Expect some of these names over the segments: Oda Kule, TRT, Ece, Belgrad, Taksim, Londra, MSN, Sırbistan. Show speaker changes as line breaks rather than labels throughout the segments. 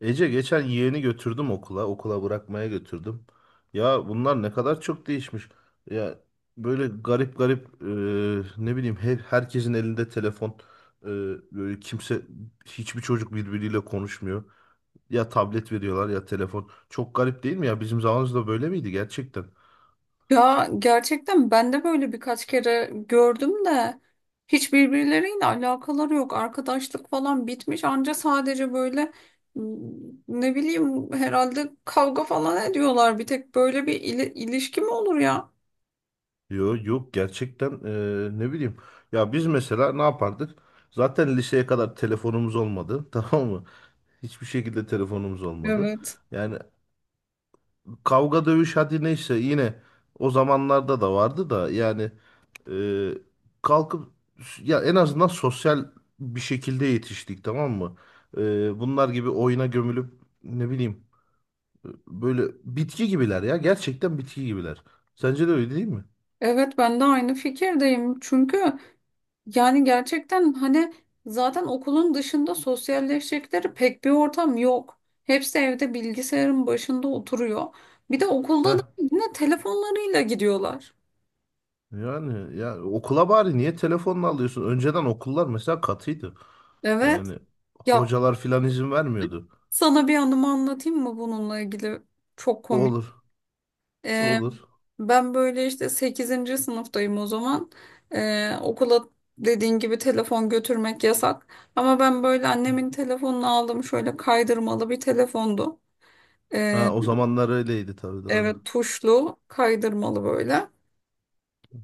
Ece geçen yeğeni götürdüm okula. Okula bırakmaya götürdüm. Ya bunlar ne kadar çok değişmiş. Ya böyle garip garip ne bileyim herkesin elinde telefon. E, böyle kimse hiçbir çocuk birbiriyle konuşmuyor. Ya tablet veriyorlar ya telefon. Çok garip değil mi ya? Bizim zamanımızda böyle miydi gerçekten?
Ya gerçekten ben de böyle birkaç kere gördüm de hiç birbirleriyle alakaları yok. Arkadaşlık falan bitmiş anca sadece böyle m, ne bileyim herhalde kavga falan ediyorlar. Bir tek böyle bir ilişki mi olur ya?
Yok yok gerçekten ne bileyim. Ya biz mesela ne yapardık? Zaten liseye kadar telefonumuz olmadı. Tamam mı? Hiçbir şekilde telefonumuz olmadı.
Evet.
Yani kavga dövüş hadi neyse yine o zamanlarda da vardı da yani e, kalkıp ya en azından sosyal bir şekilde yetiştik tamam mı? Bunlar gibi oyuna gömülüp ne bileyim böyle bitki gibiler ya gerçekten bitki gibiler. Sence de öyle değil mi?
Evet ben de aynı fikirdeyim. Çünkü yani gerçekten hani zaten okulun dışında sosyalleşecekleri pek bir ortam yok. Hepsi evde bilgisayarın başında oturuyor. Bir de okulda
Heh,
da yine telefonlarıyla gidiyorlar.
yani ya okula bari niye telefonla alıyorsun? Önceden okullar mesela katıydı.
Evet.
Yani
Ya
hocalar filan izin vermiyordu.
sana bir anımı anlatayım mı bununla ilgili? Çok komik.
Olur,
Ee,
olur.
ben böyle işte sekizinci sınıftayım o zaman. Okula dediğin gibi telefon götürmek yasak. Ama ben böyle annemin telefonunu aldım. Şöyle kaydırmalı bir telefondu.
Ha, o zamanlar öyleydi tabii
Evet,
doğru.
tuşlu kaydırmalı böyle.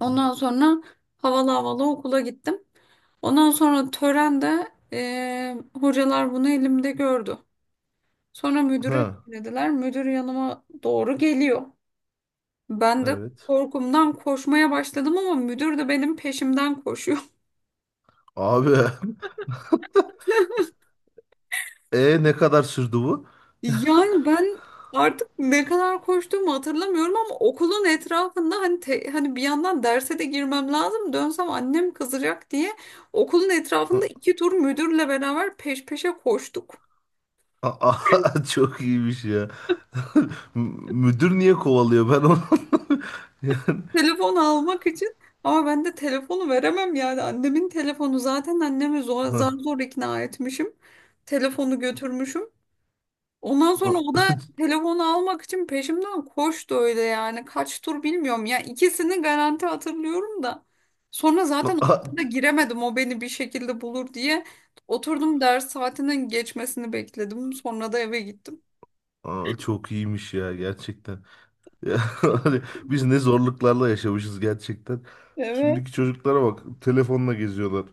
Ondan sonra havalı havalı okula gittim. Ondan sonra törende hocalar bunu elimde gördü. Sonra müdüre
Ha,
dediler. Müdür yanıma doğru geliyor. Ben de
evet.
korkumdan koşmaya başladım ama müdür de benim peşimden koşuyor.
Abi. E ne kadar sürdü bu?
Yani ben artık ne kadar koştuğumu hatırlamıyorum ama okulun etrafında hani hani bir yandan derse de girmem lazım dönsem annem kızacak diye okulun etrafında
A-
iki tur müdürle beraber peş peşe koştuk.
Çok iyiymiş ya. M- Müdür niye kovalıyor ben onu? Yani,
Telefon almak için ama ben de telefonu veremem, yani annemin telefonu, zaten annemi
ha,
zar zor ikna etmişim. Telefonu götürmüşüm. Ondan sonra o
a-
da telefonu almak için peşimden koştu öyle yani. Kaç tur bilmiyorum ya. İkisini garanti hatırlıyorum da. Sonra zaten
a-
da giremedim, o beni bir şekilde bulur diye. Oturdum, ders saatinin geçmesini bekledim. Sonra da eve gittim.
çok iyiymiş ya gerçekten. Ya, hani biz ne zorluklarla yaşamışız gerçekten.
Evet.
Şimdiki çocuklara bak telefonla geziyorlar.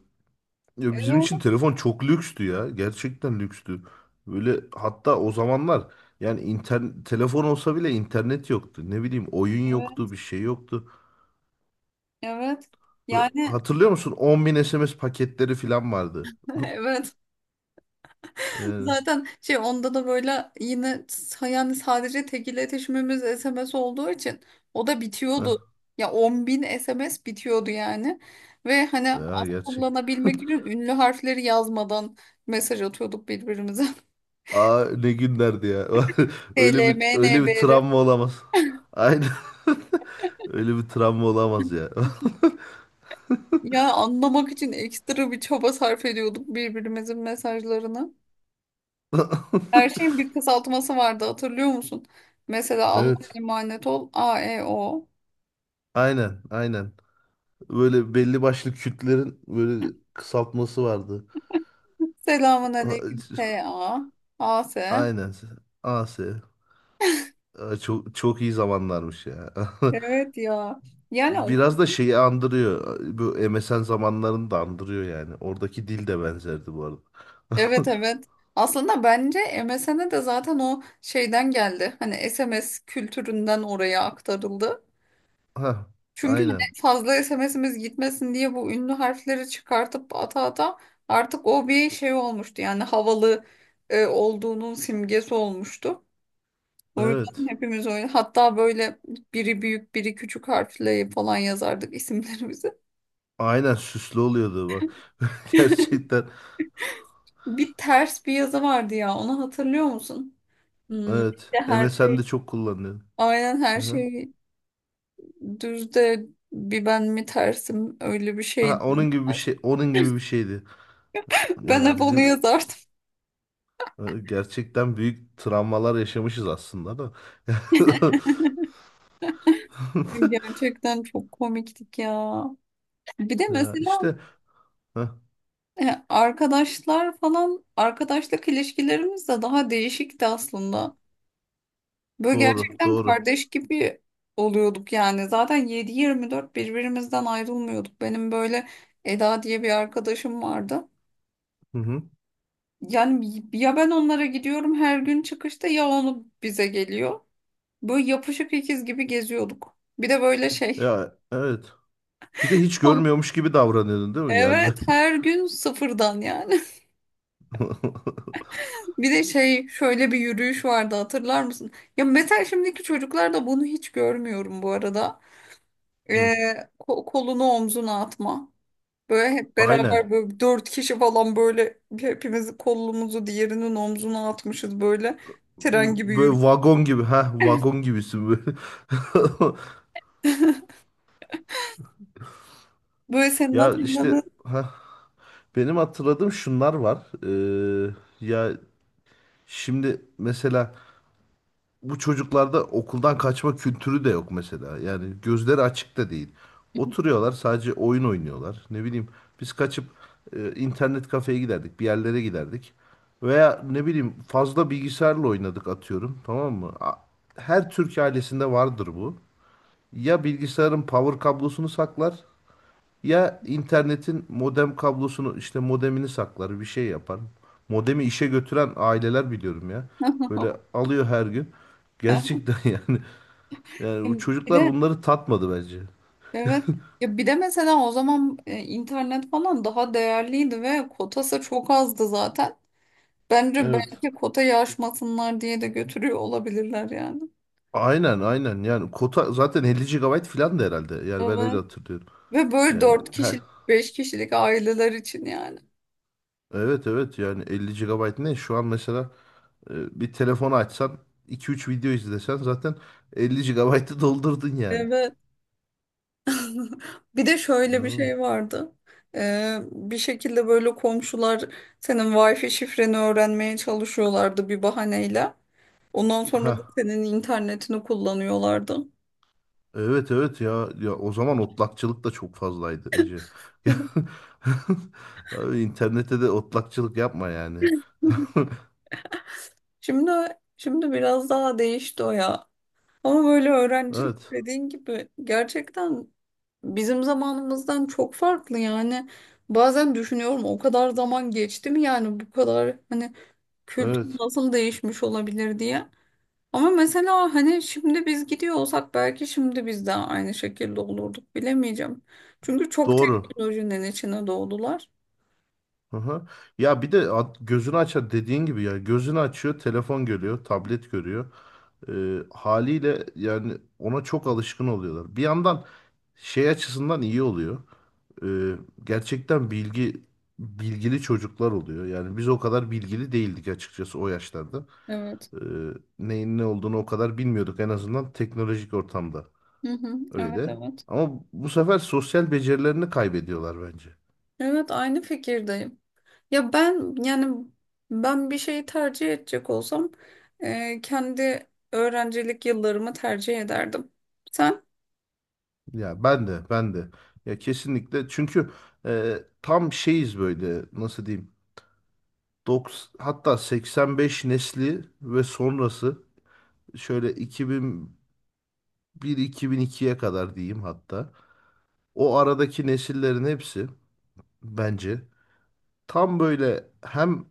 Ya bizim
Evet.
için telefon çok lükstü ya. Gerçekten lükstü. Böyle hatta o zamanlar yani telefon olsa bile internet yoktu. Ne bileyim oyun
Evet.
yoktu, bir şey yoktu.
Evet.
Ve
Yani
hatırlıyor musun? 10.000 SMS paketleri falan vardı.
evet.
Yani,
Zaten şey onda da böyle yine yani sadece tek iletişimimiz SMS olduğu için o da bitiyordu.
heh,
Ya 10.000 SMS bitiyordu yani. Ve hani
ya
az
gerçekten.
kullanabilmek için ünlü harfleri yazmadan mesaj atıyorduk birbirimize.
Aa, ne günlerdi ya. Öyle bir
TLMNBR.
travma olamaz. Aynen. Öyle bir travma olamaz ya.
Ya anlamak için ekstra bir çaba sarf ediyorduk birbirimizin mesajlarını. Her şeyin bir kısaltması vardı, hatırlıyor musun? Mesela Allah'a
Evet.
emanet ol AEO.
Aynen, aynen. Böyle belli başlı kütlerin böyle kısaltması vardı.
Selamun
A-
aleyküm S.A. A.S.
Aynen. AS. Aa, çok çok iyi zamanlarmış ya.
Evet ya. Yani okul.
Biraz da şeyi andırıyor. Bu MSN zamanlarını da andırıyor yani. Oradaki dil de benzerdi bu arada.
Evet, evet. Aslında bence MSN'e de zaten o şeyden geldi. Hani SMS kültüründen oraya aktarıldı.
Ha,
Çünkü hani
aynen.
fazla SMS'imiz gitmesin diye bu ünlü harfleri çıkartıp ata ata artık o bir şey olmuştu. Yani havalı olduğunun simgesi olmuştu. O yüzden
Evet.
hepimiz öyle. Hatta böyle biri büyük biri küçük harfle falan yazardık isimlerimizi.
Aynen süslü oluyordu bak. Gerçekten.
Bir ters bir yazı vardı ya. Onu hatırlıyor musun?
Evet.
İşte her şey
MSN'de çok kullanılıyor.
aynen her
Aha.
şey düz de bir ben mi tersim, öyle bir
Ha,
şeydi.
onun gibi bir
Ters.
şey, onun gibi bir şeydi.
Ben
Ya
hep onu
bizim
yazardım.
gerçekten büyük travmalar yaşamışız aslında da.
Gerçekten çok komiktik ya. Bir de
Ya
mesela
işte.
arkadaşlar falan arkadaşlık ilişkilerimiz de daha değişikti aslında. Böyle
Doğru,
gerçekten
doğru.
kardeş gibi oluyorduk yani. Zaten 7/24 birbirimizden ayrılmıyorduk. Benim böyle Eda diye bir arkadaşım vardı.
Hı hı.
Yani ya ben onlara gidiyorum her gün çıkışta ya onu bize geliyor. Böyle yapışık ikiz gibi geziyorduk. Bir de böyle şey.
Ya evet. Bir de hiç görmüyormuş gibi davranıyordun değil mi? Yani böyle.
Evet, her gün sıfırdan yani. Bir de şey şöyle bir yürüyüş vardı, hatırlar mısın? Ya mesela şimdiki çocuklarda bunu hiç görmüyorum bu arada. Ee,
Hı.
kolunu omzuna atma. Böyle hep beraber
Aynen.
böyle dört kişi falan böyle hepimiz kolumuzu diğerinin omzuna atmışız böyle tren gibi yürü.
Böyle vagon gibi. Ha, vagon gibisin böyle.
Böyle senin
Ya
hatırladığın.
işte ha benim hatırladığım şunlar var. Ee, ya şimdi mesela bu çocuklarda okuldan kaçma kültürü de yok mesela. Yani gözleri açık da değil. Oturuyorlar sadece oyun oynuyorlar. Ne bileyim biz kaçıp internet kafeye giderdik, bir yerlere giderdik. Veya ne bileyim fazla bilgisayarla oynadık atıyorum tamam mı? Her Türk ailesinde vardır bu. Ya bilgisayarın power kablosunu saklar ya internetin modem kablosunu işte modemini saklar bir şey yapar. Modemi işe götüren aileler biliyorum ya. Böyle alıyor her gün. Gerçekten, yani, bu
Bir
çocuklar
de
bunları tatmadı bence.
evet ya, bir de mesela o zaman internet falan daha değerliydi ve kotası çok azdı zaten. Bence
Evet.
belki kotayı aşmasınlar diye de götürüyor olabilirler yani.
Aynen aynen yani kota zaten 50 gigabayt falan da herhalde. Yani ben öyle
Evet.
hatırlıyorum.
Ve böyle
Yani
dört kişilik, beş kişilik aileler için yani.
evet evet yani 50 gigabayt ne? Şu an mesela bir telefonu açsan iki üç video izlesen zaten 50 gigabaytı doldurdun yani.
Evet. Bir de şöyle bir şey vardı. Bir şekilde böyle komşular senin Wi-Fi şifreni öğrenmeye çalışıyorlardı bir bahaneyle. Ondan sonra da
Ha.
senin internetini kullanıyorlardı.
Evet evet ya ya o zaman otlakçılık da çok fazlaydı Ece. Ya, abi internette de otlakçılık yapma yani.
Şimdi şimdi biraz daha değişti o ya. Ama böyle öğrencilik
Evet.
dediğin gibi gerçekten bizim zamanımızdan çok farklı yani. Bazen düşünüyorum o kadar zaman geçti mi yani bu kadar hani kültür
Evet.
nasıl değişmiş olabilir diye. Ama mesela hani şimdi biz gidiyor olsak belki şimdi biz de aynı şekilde olurduk, bilemeyeceğim. Çünkü çok
Doğru.
teknolojinin içine doğdular.
Aha. Ya bir de gözünü açar dediğin gibi ya gözünü açıyor telefon görüyor tablet görüyor. Haliyle yani ona çok alışkın oluyorlar. Bir yandan şey açısından iyi oluyor. Ee, gerçekten bilgili çocuklar oluyor. Yani biz o kadar bilgili değildik açıkçası o yaşlarda.
Evet.
e, neyin ne olduğunu o kadar bilmiyorduk en azından teknolojik ortamda
Hı hı. Evet,
öyle.
evet.
Ama bu sefer sosyal becerilerini kaybediyorlar bence.
Evet, aynı fikirdeyim. Ya ben yani ben bir şeyi tercih edecek olsam kendi öğrencilik yıllarımı tercih ederdim. Sen?
Ya ben de ya kesinlikle çünkü tam şeyiz böyle nasıl diyeyim, 90, hatta 85 nesli ve sonrası, şöyle 2001-2002'ye kadar diyeyim hatta, o aradaki nesillerin hepsi bence tam böyle hem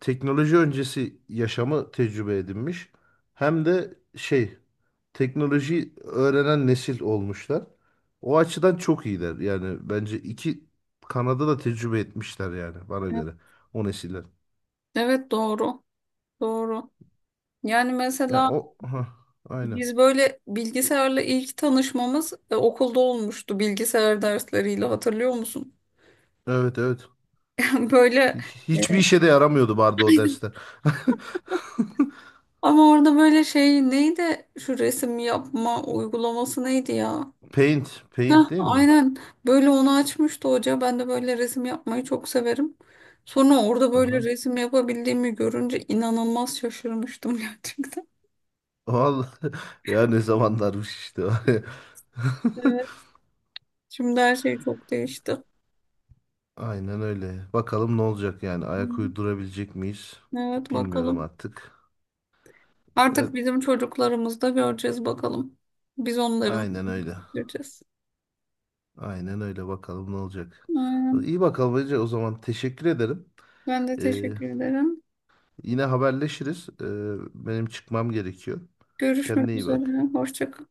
teknoloji öncesi yaşamı tecrübe edinmiş hem de şey, teknoloji öğrenen nesil olmuşlar. O açıdan çok iyiler. Yani bence iki Kanada da tecrübe etmişler yani bana
Evet.
göre o nesiller.
Evet, doğru. Doğru. Yani
Ya
mesela
o ha aynen.
biz böyle bilgisayarla ilk tanışmamız okulda olmuştu bilgisayar dersleriyle, hatırlıyor musun?
Evet evet.
Böyle
Hiçbir
e,
işe de yaramıyordu vardı o dersler.
ama orada böyle şey neydi, şu resim yapma uygulaması neydi ya?
Paint,
Heh,
paint değil mi?
aynen, böyle onu açmıştı hoca. Ben de böyle resim yapmayı çok severim. Sonra orada böyle
Aha.
resim yapabildiğimi görünce inanılmaz şaşırmıştım gerçekten.
Vallahi ya ne zamanlarmış işte.
Evet. Şimdi her şey çok değişti.
Aynen öyle. Bakalım ne olacak yani.
Hı.
Ayak uydurabilecek miyiz?
Evet,
Bilmiyorum
bakalım.
artık.
Artık
Evet,
bizim çocuklarımız da göreceğiz bakalım. Biz onların
aynen öyle.
göreceğiz.
Aynen öyle. Bakalım ne olacak.
Aynen.
İyi bakalım Ece. O zaman teşekkür ederim.
Ben de
Ee,
teşekkür ederim.
yine haberleşiriz. Benim çıkmam gerekiyor. Kendine
Görüşmek
iyi
üzere.
bak.
Hoşça kalın.